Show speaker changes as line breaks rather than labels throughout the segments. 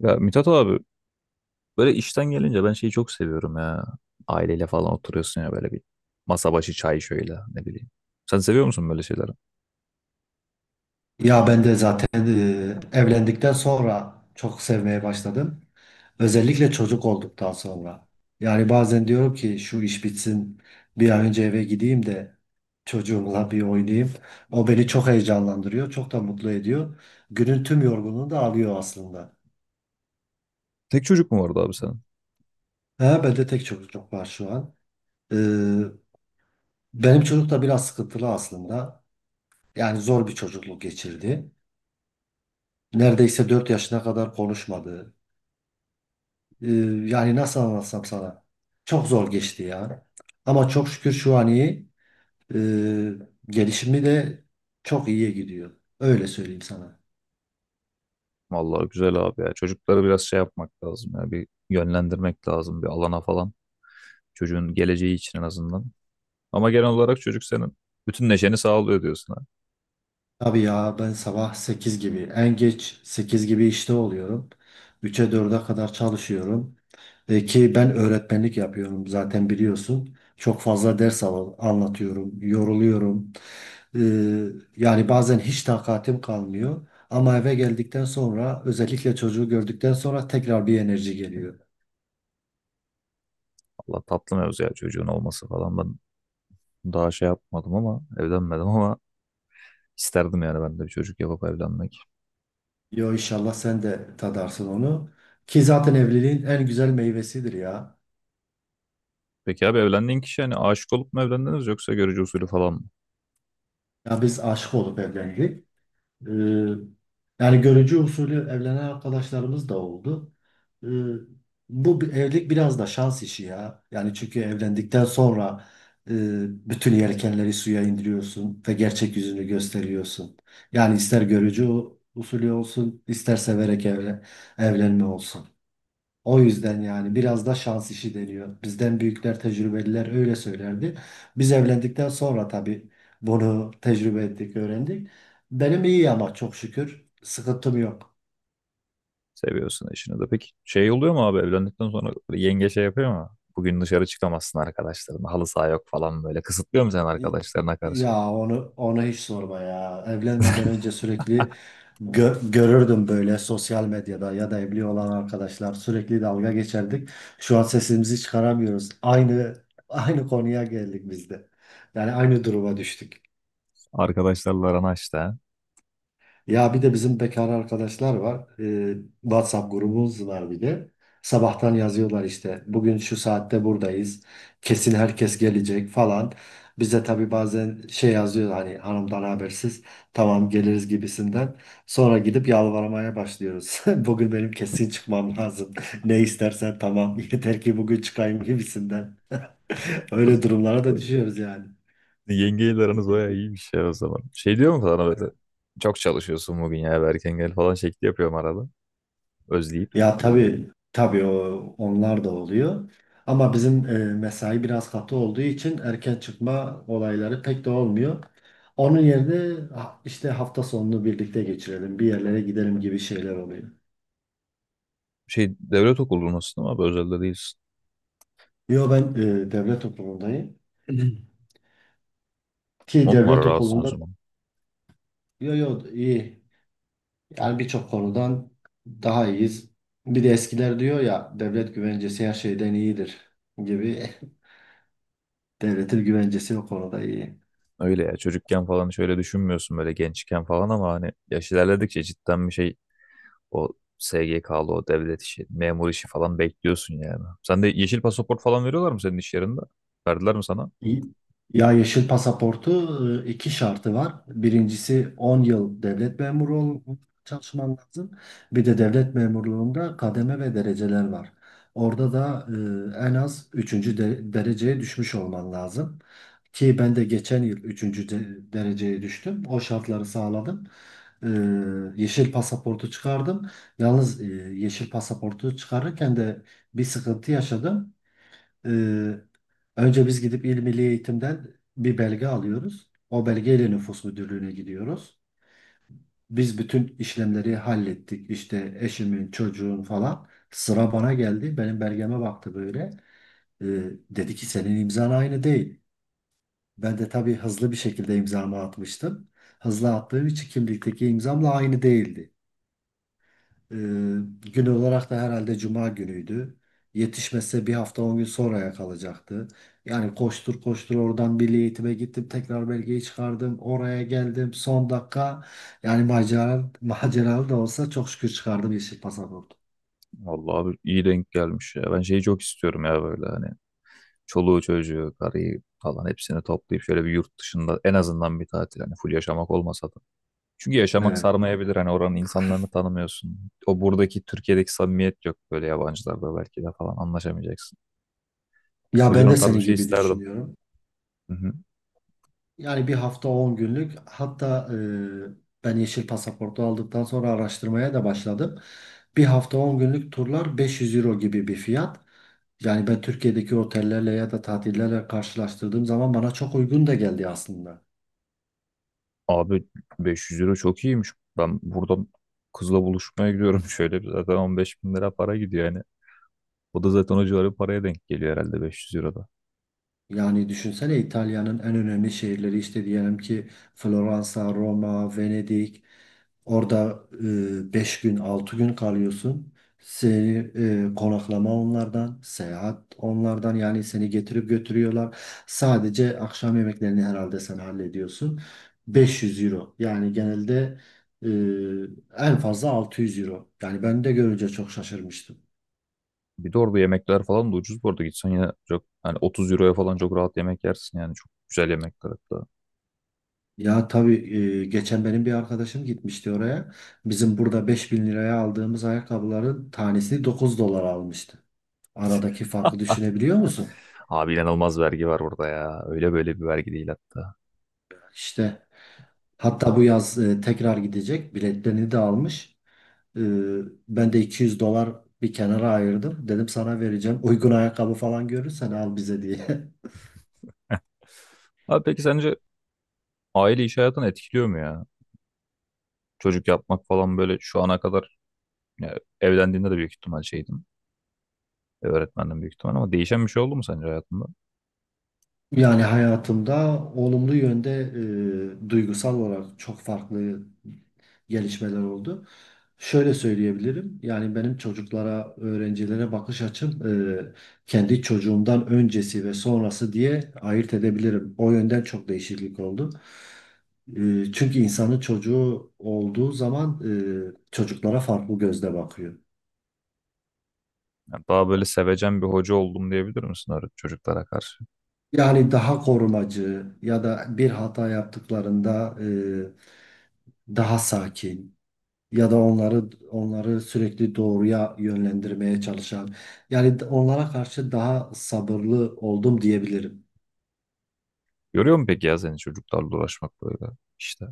Ya Mithat abi böyle işten gelince ben şeyi çok seviyorum ya. Aileyle falan oturuyorsun ya böyle bir masa başı çay şöyle ne bileyim. Sen seviyor musun böyle şeyleri?
Ya ben de zaten evlendikten sonra çok sevmeye başladım. Özellikle çocuk olduktan sonra. Yani bazen diyorum ki şu iş bitsin bir an önce eve gideyim de çocuğumla bir oynayayım. O beni çok heyecanlandırıyor, çok da mutlu ediyor. Günün tüm yorgunluğunu da alıyor aslında.
Tek çocuk mu vardı abi senin?
He, bende tek çocuk var şu an. Ee, benim çocuk da biraz sıkıntılı aslında. Yani zor bir çocukluk geçirdi. Neredeyse 4 yaşına kadar konuşmadı. Ee, yani nasıl anlatsam sana? Çok zor geçti ya. Ama çok şükür şu an iyi. Ee, gelişimi de çok iyiye gidiyor. Öyle söyleyeyim sana.
Vallahi güzel abi ya. Çocukları biraz şey yapmak lazım ya. Bir yönlendirmek lazım bir alana falan. Çocuğun geleceği için en azından. Ama genel olarak çocuk senin bütün neşeni sağlıyor diyorsun ha.
Tabii ya ben sabah 8 gibi en geç 8 gibi işte oluyorum. Üçe dörde kadar çalışıyorum. Ki ben öğretmenlik yapıyorum zaten biliyorsun. Çok fazla ders anlatıyorum, yoruluyorum. Ee, yani bazen hiç takatim kalmıyor. Ama eve geldikten sonra özellikle çocuğu gördükten sonra tekrar bir enerji geliyor.
Allah tatlı mevzu ya çocuğun olması falan. Ben daha şey yapmadım ama evlenmedim ama isterdim yani ben de bir çocuk yapıp evlenmek.
Yo inşallah sen de tadarsın onu. Ki zaten evliliğin en güzel meyvesidir ya.
Peki abi evlendiğin kişi hani aşık olup mu evlendiniz yoksa görücü usulü falan mı?
Ya biz aşık olup evlendik. Ee, yani görücü usulü evlenen arkadaşlarımız da oldu. Ee, bu evlilik biraz da şans işi ya. Yani çünkü evlendikten sonra e, bütün yelkenleri suya indiriyorsun ve gerçek yüzünü gösteriyorsun. Yani ister görücü usulü olsun, ister severek evlenme olsun. O yüzden yani biraz da şans işi deniyor. Bizden büyükler, tecrübeliler öyle söylerdi. Biz evlendikten sonra tabii bunu tecrübe ettik, öğrendik. Benim iyi ama çok şükür sıkıntım yok.
Seviyorsun eşini de. Peki şey oluyor mu abi evlendikten sonra böyle yenge şey yapıyor mu? Bugün dışarı çıkamazsın arkadaşların. Halı saha yok falan böyle. Kısıtlıyor mu sen arkadaşlarına karşı?
Ya onu hiç sorma ya. Evlenmeden önce sürekli görürdüm böyle sosyal medyada ya da evli olan arkadaşlar sürekli dalga geçerdik. Şu an sesimizi çıkaramıyoruz. Aynı konuya geldik biz de. Yani aynı duruma düştük.
Arkadaşlarla aran açtı ha.
Ya bir de bizim bekar arkadaşlar var. WhatsApp grubumuz var bir de. Sabahtan yazıyorlar işte. Bugün şu saatte buradayız. Kesin herkes gelecek falan. Bize tabii bazen şey yazıyor hani hanımdan habersiz. Tamam geliriz gibisinden. Sonra gidip yalvarmaya başlıyoruz. Bugün benim kesin çıkmam lazım. Ne istersen tamam. Yeter ki bugün çıkayım gibisinden. Öyle durumlara da düşüyoruz yani.
Yengeyle aranız bayağı iyiymiş ya o zaman. Şey diyor mu sana böyle? Çok çalışıyorsun bugün ya eve erken gel falan şekli yapıyorum arada. Özleyip.
Ya tabii tabii onlar da oluyor. Ama bizim mesai biraz katı olduğu için erken çıkma olayları pek de olmuyor. Onun yerine işte hafta sonunu birlikte geçirelim, bir yerlere gidelim gibi şeyler oluyor.
Şey devlet okulundasın ama abi, özelde değilsin.
Yo ben devlet okulundayım. Ki
On numara
devlet
rahatsın o
okulunda
zaman.
yo yo iyi. Yani birçok konudan daha iyiyiz. Bir de eskiler diyor ya devlet güvencesi her şeyden iyidir gibi. Devletin güvencesi o konuda iyi.
Öyle ya çocukken falan şöyle düşünmüyorsun böyle gençken falan ama hani yaş ilerledikçe cidden bir şey o SGK'lı o devlet işi, memur işi falan bekliyorsun yani. Sen de yeşil pasaport falan veriyorlar mı senin iş yerinde? Verdiler mi sana?
Ya yeşil pasaportu iki şartı var. Birincisi 10 yıl devlet memuru ol- çalışman lazım. Bir de devlet memurluğunda kademe ve dereceler var. Orada da en az 3. dereceye düşmüş olman lazım. Ki ben de geçen yıl 3. dereceye düştüm. O şartları sağladım. E, yeşil pasaportu çıkardım. Yalnız yeşil pasaportu çıkarırken de bir sıkıntı yaşadım. Ee, önce biz gidip İl Milli Eğitim'den bir belge alıyoruz. O belgeyle nüfus müdürlüğüne gidiyoruz. Biz bütün işlemleri hallettik. İşte eşimin, çocuğun falan. Sıra bana geldi. Benim belgeme baktı böyle. Ee, dedi ki senin imzan aynı değil. Ben de tabii hızlı bir şekilde imzamı atmıştım. Hızlı attığım için kimlikteki imzamla aynı değildi. Ee, gün olarak da herhalde cuma günüydü. Yetişmese 1 hafta 10 gün sonraya kalacaktı. Yani koştur koştur oradan milli eğitime gittim. Tekrar belgeyi çıkardım. Oraya geldim. Son dakika yani macera, maceralı da olsa çok şükür çıkardım yeşil pasaport.
Vallahi abi iyi denk gelmiş ya. Ben şeyi çok istiyorum ya böyle hani çoluğu çocuğu, karıyı falan hepsini toplayıp şöyle bir yurt dışında en azından bir tatil hani full yaşamak olmasa da. Çünkü yaşamak
Evet.
sarmayabilir hani oranın insanlarını tanımıyorsun. O buradaki Türkiye'deki samimiyet yok böyle yabancılarda belki de falan anlaşamayacaksın. O
Ya
yüzden
ben
o
de
tarz bir
senin
şey
gibi
isterdim.
düşünüyorum.
Hı hı.
Yani 1 hafta 10 günlük hatta ben yeşil pasaportu aldıktan sonra araştırmaya da başladım. 1 hafta 10 günlük turlar 500 euro gibi bir fiyat. Yani ben Türkiye'deki otellerle ya da tatillerle karşılaştırdığım zaman bana çok uygun da geldi aslında.
Abi 500 euro çok iyiymiş. Ben buradan kızla buluşmaya gidiyorum. Şöyle bir zaten 15 bin lira para gidiyor yani. O da zaten o civarı bir paraya denk geliyor herhalde 500 euroda.
Yani düşünsene İtalya'nın en önemli şehirleri işte diyelim ki Floransa, Roma, Venedik. Orada 5 gün 6 gün kalıyorsun. Seni konaklama onlardan, seyahat onlardan yani seni getirip götürüyorlar. Sadece akşam yemeklerini herhalde sen hallediyorsun. 500 euro yani genelde e, en fazla 600 euro. Yani ben de görünce çok şaşırmıştım.
Bir de orada yemekler falan da ucuz bu arada. Gitsen yine çok hani 30 euroya falan çok rahat yemek yersin yani. Çok güzel yemekler hatta.
Ya tabii geçen benim bir arkadaşım gitmişti oraya. Bizim burada 5.000 liraya aldığımız ayakkabıların tanesini 9 dolara almıştı. Aradaki farkı düşünebiliyor musun?
Abi inanılmaz vergi var orada ya. Öyle böyle bir vergi değil hatta.
İşte hatta bu yaz tekrar gidecek. Biletlerini de almış. E, ben de 200 dolar bir kenara ayırdım. Dedim sana vereceğim. Uygun ayakkabı falan görürsen al bize diye.
Abi peki sence aile iş hayatını etkiliyor mu ya? Çocuk yapmak falan böyle şu ana kadar ya, evlendiğinde de büyük ihtimal şeydim. Öğretmenden büyük ihtimal ama değişen bir şey oldu mu sence hayatında?
Yani hayatımda olumlu yönde duygusal olarak çok farklı gelişmeler oldu. Şöyle söyleyebilirim. Yani benim çocuklara, öğrencilere bakış açım e, kendi çocuğumdan öncesi ve sonrası diye ayırt edebilirim. O yönden çok değişiklik oldu. Çünkü insanın çocuğu olduğu zaman çocuklara farklı gözle bakıyor.
Yani daha böyle sevecen bir hoca oldum diyebilir misin çocuklara karşı?
Yani daha korumacı ya da bir hata yaptıklarında daha sakin. Ya da onları sürekli doğruya yönlendirmeye çalışan yani onlara karşı daha sabırlı oldum diyebilirim.
Görüyor mu peki ya seni çocuklarla uğraşmak böyle işte?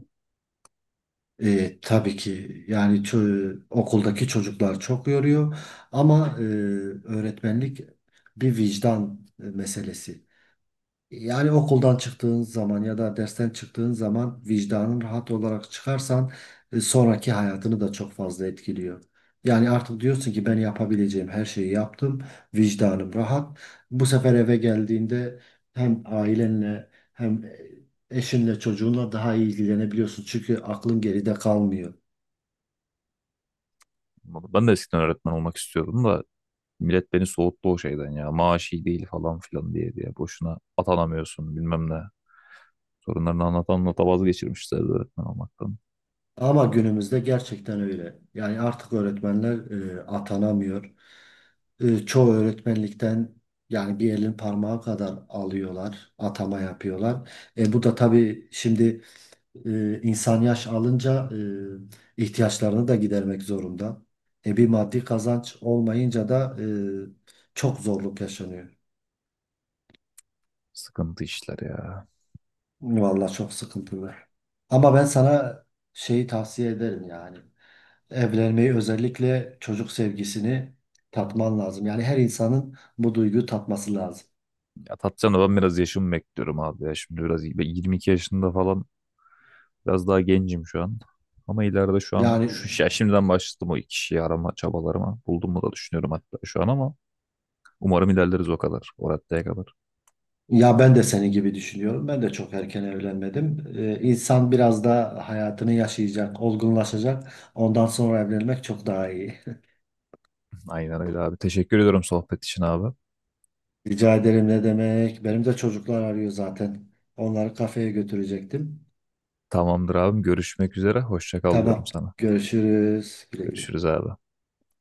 Tabii ki yani okuldaki çocuklar çok yoruyor ama öğretmenlik bir vicdan meselesi. Yani okuldan çıktığın zaman ya da dersten çıktığın zaman vicdanın rahat olarak çıkarsan sonraki hayatını da çok fazla etkiliyor. Yani artık diyorsun ki ben yapabileceğim her şeyi yaptım, vicdanım rahat. Bu sefer eve geldiğinde hem ailenle hem eşinle çocuğunla daha iyi ilgilenebiliyorsun. Çünkü aklın geride kalmıyor.
Ben de eskiden öğretmen olmak istiyordum da millet beni soğuttu o şeyden ya. Maaş iyi değil falan filan diye diye. Boşuna atanamıyorsun bilmem ne. Sorunlarını anlatan anlata vazgeçirmişler öğretmen olmaktan.
Ama günümüzde gerçekten öyle. Yani artık öğretmenler atanamıyor. Çoğu öğretmenlikten yani bir elin parmağı kadar alıyorlar, atama yapıyorlar. Bu da tabii şimdi insan yaş alınca ihtiyaçlarını da gidermek zorunda. Bir maddi kazanç olmayınca da çok zorluk yaşanıyor.
Sıkıntı işler ya.
Vallahi çok sıkıntılı. Ama ben sana şeyi tavsiye ederim yani. Evlenmeyi özellikle çocuk sevgisini tatman lazım. Yani her insanın bu duyguyu tatması lazım.
Ya Tatcan'a ben biraz yaşımı bekliyorum abi ya. Şimdi biraz iyi. Ben 22 yaşında falan. Biraz daha gencim şu an. Ama ileride şu an
Yani
şu ya şimdiden başladım o iki şeyi arama çabalarıma. Buldum mu da düşünüyorum hatta şu an ama umarım ilerleriz o kadar. O raddeye kadar.
ya ben de senin gibi düşünüyorum. Ben de çok erken evlenmedim. İnsan biraz da hayatını yaşayacak, olgunlaşacak. Ondan sonra evlenmek çok daha iyi.
Aynen öyle abi. Teşekkür ediyorum sohbet için abi.
Rica ederim ne demek. Benim de çocuklar arıyor zaten. Onları kafeye götürecektim.
Tamamdır abim. Görüşmek üzere. Hoşça kal diyorum
Tamam.
sana.
Görüşürüz. Güle güle.
Görüşürüz abi.